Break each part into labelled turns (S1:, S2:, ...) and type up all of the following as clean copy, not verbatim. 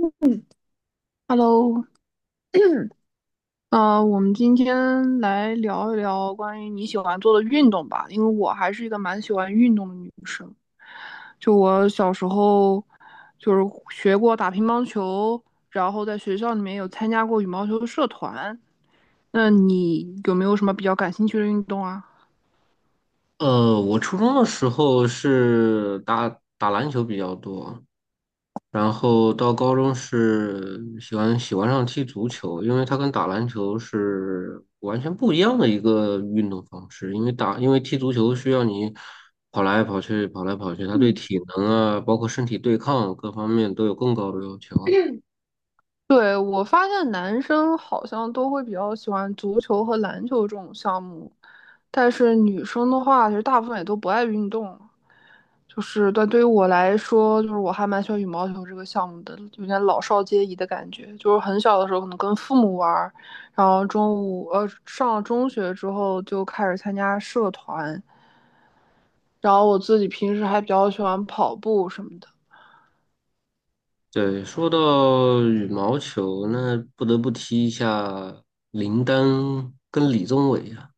S1: 嗯，Hello，我们今天来聊一聊关于你喜欢做的运动吧，因为我还是一个蛮喜欢运动的女生。就我小时候，就是学过打乒乓球，然后在学校里面有参加过羽毛球的社团。那你有没有什么比较感兴趣的运动啊？
S2: 我初中的时候是打篮球比较多，然后到高中是喜欢上踢足球，因为它跟打篮球是完全不一样的一个运动方式。因为踢足球需要你跑来跑去，跑来跑去，它对
S1: 嗯，
S2: 体能啊，包括身体对抗各方面都有更高的要求。
S1: 对，我发现男生好像都会比较喜欢足球和篮球这种项目，但是女生的话，其实大部分也都不爱运动。就是但对于我来说，就是我还蛮喜欢羽毛球这个项目的，有点老少皆宜的感觉。就是很小的时候可能跟父母玩儿，然后中午上了中学之后就开始参加社团，然后我自己平时还比较喜欢跑步什么的。
S2: 对，说到羽毛球，那不得不提一下林丹跟李宗伟啊。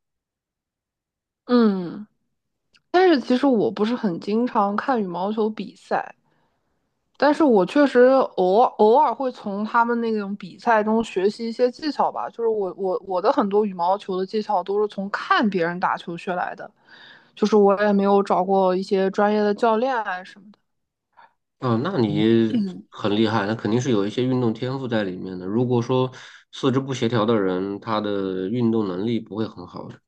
S1: 嗯，但是其实我不是很经常看羽毛球比赛，但是我确实偶尔会从他们那种比赛中学习一些技巧吧，就是我的很多羽毛球的技巧都是从看别人打球学来的，就是我也没有找过一些专业的教练啊什么的。
S2: 啊，那你很厉害，那肯定是有一些运动天赋在里面的。如果说四肢不协调的人，他的运动能力不会很好的。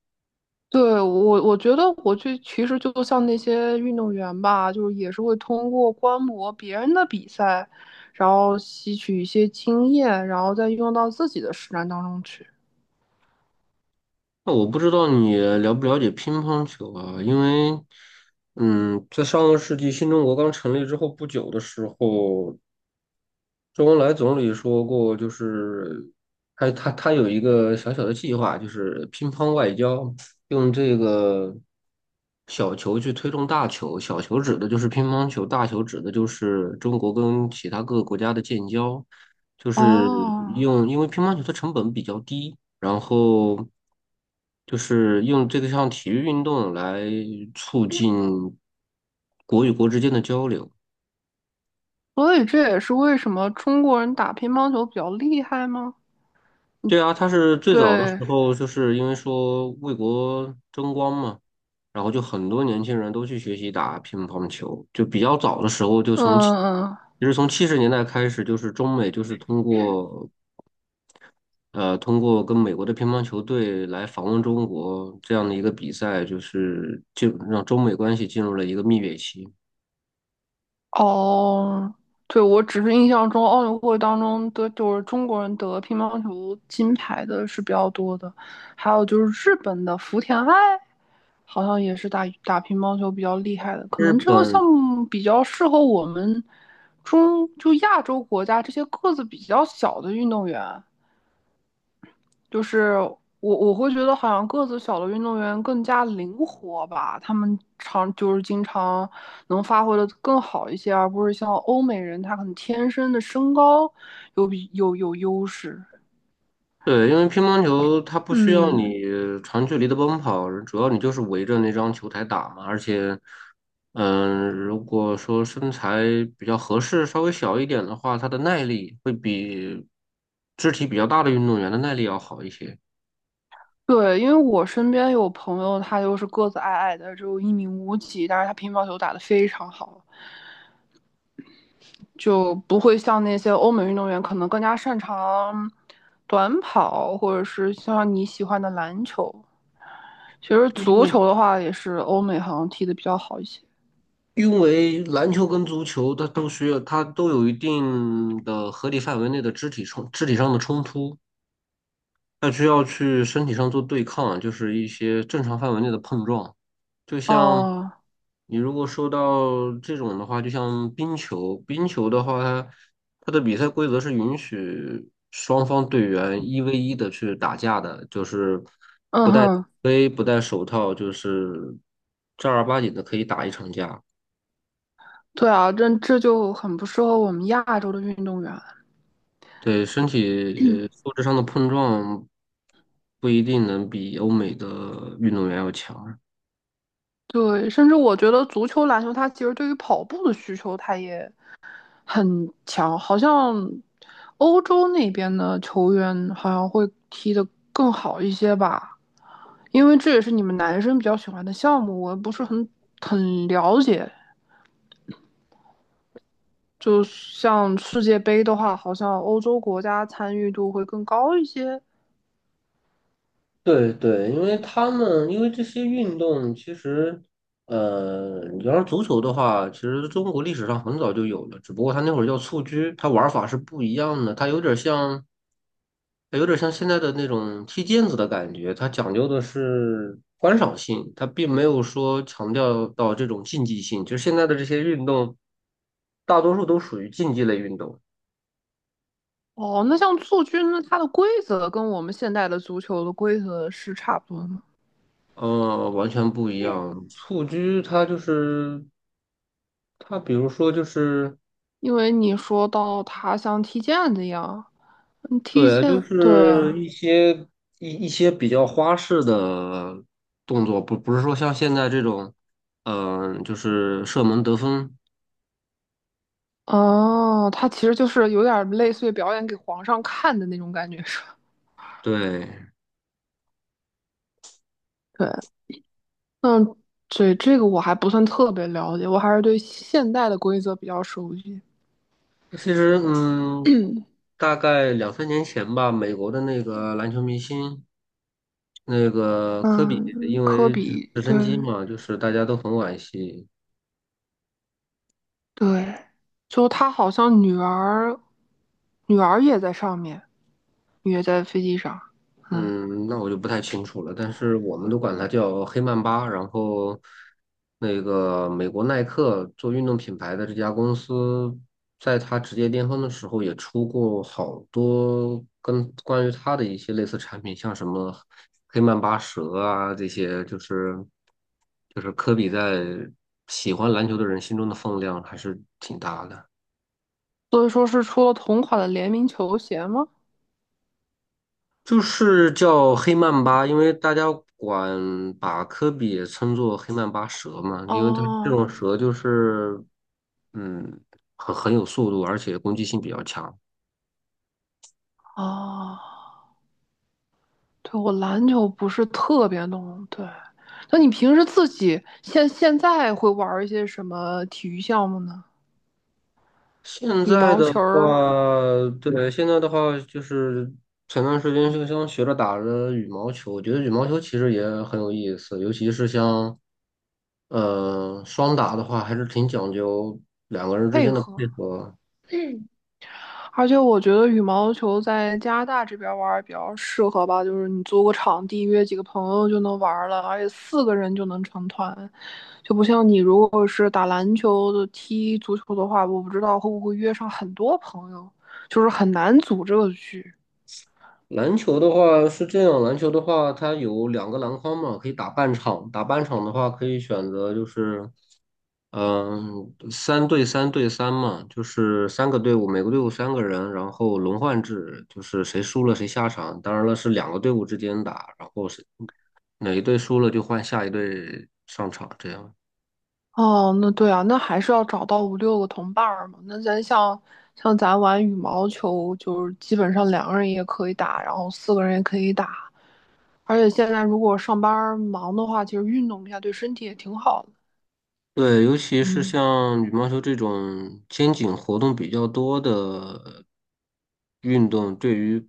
S1: 对，我觉得我去其实就像那些运动员吧，就是也是会通过观摩别人的比赛，然后吸取一些经验，然后再用到自己的实战当中去。
S2: 那我不知道你了不了解乒乓球啊？因为，在上个世纪新中国刚成立之后不久的时候，周恩来总理说过，就是他有一个小小的计划，就是乒乓外交，用这个小球去推动大球。小球指的就是乒乓球，大球指的就是中国跟其他各个国家的建交。就是
S1: 哦，
S2: 因为乒乓球的成本比较低，然后就是用这个项体育运动来促进国与国之间的交流。
S1: 所以这也是为什么中国人打乒乓球比较厉害吗？
S2: 对啊，他是最早的时
S1: 对，
S2: 候，就是因为说为国争光嘛，然后就很多年轻人都去学习打乒乓球，就比较早的时候，就从其
S1: 嗯，
S2: 其实从70年代开始，就是中美就是通过跟美国的乒乓球队来访问中国这样的一个比赛，就是让中美关系进入了一个蜜月期。
S1: 哦，对，我只是印象中奥运会当中的就是中国人得乒乓球金牌的是比较多的，还有就是日本的福田爱，好像也是打打乒乓球比较厉害的，可
S2: 日
S1: 能这个
S2: 本。
S1: 项目比较适合我们就亚洲国家这些个子比较小的运动员。就是我会觉得好像个子小的运动员更加灵活吧，他们就是经常能发挥的更好一些，而不是像欧美人，他可能天生的身高有比有有优势。
S2: 对，因为乒乓球它不需要
S1: 嗯
S2: 你长距离的奔跑，主要你就是围着那张球台打嘛。而且，如果说身材比较合适，稍微小一点的话，它的耐力会比肢体比较大的运动员的耐力要好一些。
S1: 对，因为我身边有朋友，他就是个子矮矮的，只有一米五几，但是他乒乓球打得非常好，就不会像那些欧美运动员可能更加擅长短跑，或者是像你喜欢的篮球。其实
S2: 对，因
S1: 足
S2: 为
S1: 球的话，也是欧美好像踢得比较好一些。
S2: 因为篮球跟足球它都需要，它都有一定的合理范围内的肢体上的冲突。那需要去身体上做对抗，就是一些正常范围内的碰撞。就像
S1: 哦，
S2: 你如果说到这种的话，就像冰球，冰球的话，它的比赛规则是允许双方队员1v1的去打架的，就是
S1: 嗯
S2: 不戴
S1: 哼，
S2: 杯、不戴手套，就是正儿八经的可以打一场架。
S1: 对啊，这就很不适合我们亚洲的运动员。
S2: 对，身体素质上的碰撞不一定能比欧美的运动员要强。
S1: 对，甚至我觉得足球、篮球，它其实对于跑步的需求，它也很强。好像欧洲那边的球员好像会踢得更好一些吧，因为这也是你们男生比较喜欢的项目，我不是很了解。就像世界杯的话，好像欧洲国家参与度会更高一些。
S2: 对对，因为他们因为这些运动，其实，你要是足球的话，其实中国历史上很早就有了，只不过它那会儿叫蹴鞠，它玩法是不一样的，它有点像现在的那种踢毽子的感觉，它讲究的是观赏性，它并没有说强调到这种竞技性，就是现在的这些运动，大多数都属于竞技类运动。
S1: 哦，那像蹴鞠呢，那它的规则跟我们现代的足球的规则是差不多的吗？
S2: 完全不一样。蹴鞠它就是它，比如说就是
S1: 因为你说到它像踢毽子一样，嗯踢
S2: 对，就
S1: 毽，对
S2: 是
S1: 啊，
S2: 一些一些比较花式的动作，不是说像现在这种，就是射门得分。
S1: 哦，它其实就是有点类似于表演给皇上看的那种感觉，是吧？
S2: 对，
S1: 对，那这个我还不算特别了解，我还是对现代的规则比较熟悉。
S2: 其实大概两三年前吧，美国的那个篮球明星。那个科比
S1: 嗯，
S2: 因
S1: 科
S2: 为直
S1: 比，
S2: 直
S1: 对，
S2: 升机嘛，就是大家都很惋惜，
S1: 对，就他好像女儿，女儿也在上面，也在飞机上，嗯，
S2: 嗯，那我就不太清楚了，但是我们都管它叫黑曼巴。然后，那个美国耐克做运动品牌的这家公司，在它职业巅峰的时候，也出过好多跟关于它的一些类似产品，像什么黑曼巴蛇啊这些，就是科比在喜欢篮球的人心中的分量还是挺大的。
S1: 所以说是出了同款的联名球鞋吗？
S2: 就是叫黑曼巴，因为大家管把科比也称作黑曼巴蛇嘛，因为它这
S1: 哦
S2: 种蛇就是，嗯，很有速度，而且攻击性比较强。
S1: 哦，对，我篮球不是特别懂，对。那你平时自己现在会玩一些什么体育项目呢？
S2: 现
S1: 羽
S2: 在
S1: 毛
S2: 的
S1: 球儿
S2: 话，对，现在的话就是前段时间就像学着打着羽毛球，我觉得羽毛球其实也很有意思，尤其是像，双打的话，还是挺讲究两个人之
S1: 配
S2: 间的配
S1: 合。
S2: 合。
S1: 而且我觉得羽毛球在加拿大这边玩儿比较适合吧，就是你租个场地，约几个朋友就能玩儿了，而且四个人就能成团，就不像你如果是打篮球的、踢足球的话，我不知道会不会约上很多朋友，就是很难组这个局。
S2: 篮球的话是这样，篮球的话它有两个篮筐嘛，可以打半场。打半场的话可以选择就是，3对3对3嘛，就是三个队伍，每个队伍三个人，然后轮换制，就是谁输了谁下场。当然了，是两个队伍之间打，然后是哪一队输了就换下一队上场，这样。
S1: 哦，那对啊，那还是要找到五六个同伴儿嘛。那咱像像咱玩羽毛球，就是基本上两个人也可以打，然后四个人也可以打。而且现在如果上班忙的话，其实运动一下对身体也挺好的。
S2: 对，尤其是
S1: 嗯
S2: 像羽毛球这种肩颈活动比较多的运动，对于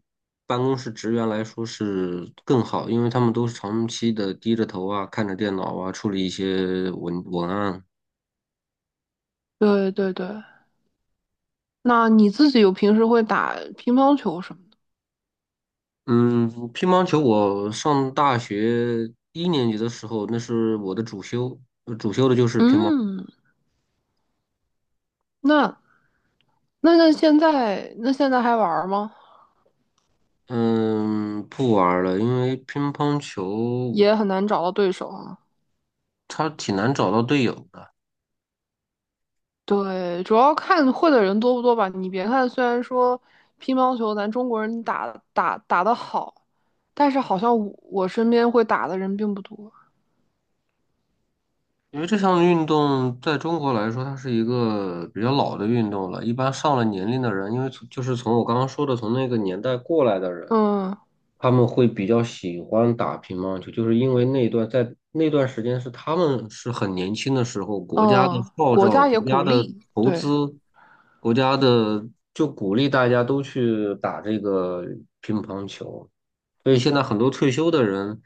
S2: 办公室职员来说是更好，因为他们都是长期的低着头啊，看着电脑啊，处理一些文案。
S1: 对对对，那你自己有平时会打乒乓球什么的？
S2: 嗯，乒乓球我上大学一年级的时候，那是我的主修，主修的就是乒乓。
S1: 嗯，那那现在还玩吗？
S2: 嗯，不玩儿了，因为乒乓球
S1: 也很难找到对手啊。
S2: 它挺难找到队友的。
S1: 对，主要看会的人多不多吧。你别看虽然说乒乓球咱中国人打得好，但是好像我身边会打的人并不多。
S2: 因为这项运动在中国来说，它是一个比较老的运动了。一般上了年龄的人，因为从就是从我刚刚说的从那个年代过来的人，
S1: 嗯
S2: 他们会比较喜欢打乒乓球，就是因为那段在那段时间是他们是很年轻的时候，国家的
S1: 嗯，
S2: 号
S1: 国
S2: 召、
S1: 家也
S2: 国
S1: 鼓
S2: 家的
S1: 励，
S2: 投
S1: 对。
S2: 资、国家的就鼓励大家都去打这个乒乓球。所以现在很多退休的人，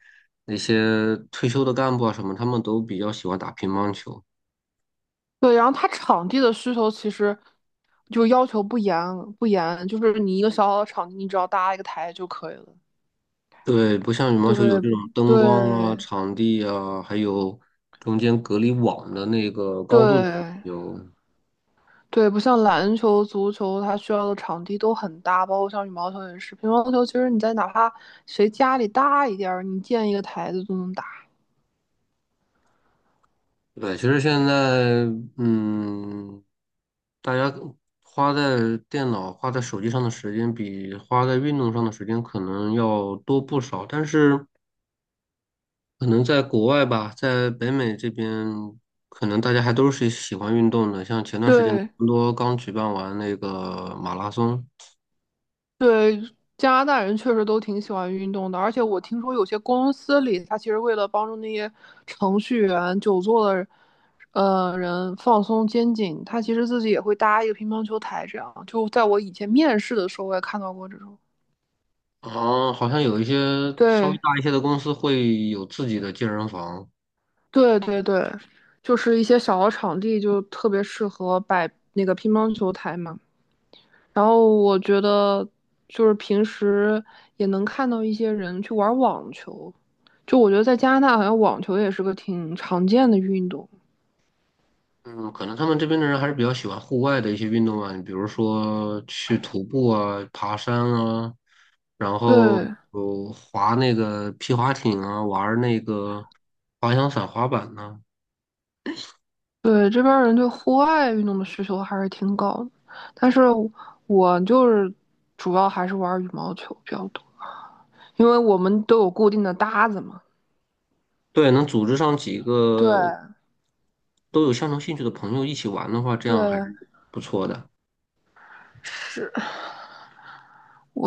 S2: 那些退休的干部啊什么，他们都比较喜欢打乒乓球。
S1: 对，然后它场地的需求其实就要求不严，就是你一个小小的场地，你只要搭一个台就可以了。
S2: 对，不像羽毛
S1: 对
S2: 球有
S1: 不
S2: 这种灯光啊、
S1: 对
S2: 场地啊，还有中间隔离网的那个高度的
S1: 对
S2: 有。
S1: 对，不像篮球、足球，它需要的场地都很大，包括像羽毛球也是。乒乓球其实你在哪怕谁家里大一点儿，你建一个台子都能打。
S2: 对，其实现在，嗯，大家花在电脑、花在手机上的时间，比花在运动上的时间可能要多不少。但是，可能在国外吧，在北美这边，可能大家还都是喜欢运动的。像前段时间，
S1: 对
S2: 多刚举办完那个马拉松。
S1: 对，加拿大人确实都挺喜欢运动的，而且我听说有些公司里，他其实为了帮助那些程序员、久坐的人放松肩颈，他其实自己也会搭一个乒乓球台，这样。就在我以前面试的时候，我也看到过这种。
S2: 哦，好像有一些稍微
S1: 对，
S2: 大一些的公司会有自己的健身房。
S1: 对对对，就是一些小的场地就特别适合摆那个乒乓球台嘛。然后我觉得就是平时也能看到一些人去玩网球，就我觉得在加拿大好像网球也是个挺常见的运动。
S2: 嗯，可能他们这边的人还是比较喜欢户外的一些运动啊，你比如说去徒步啊、爬山啊，然后
S1: 对
S2: 有滑那个皮划艇啊，玩儿那个滑翔伞、滑板呐。
S1: 对，这边儿人对户外运动的需求还是挺高的，但是我就是主要还是玩羽毛球比较多，因为我们都有固定的搭子嘛。
S2: 对，能组织上几
S1: 对
S2: 个都有相同兴趣的朋友一起玩的话，这
S1: 对，
S2: 样还是不错的。
S1: 是。我。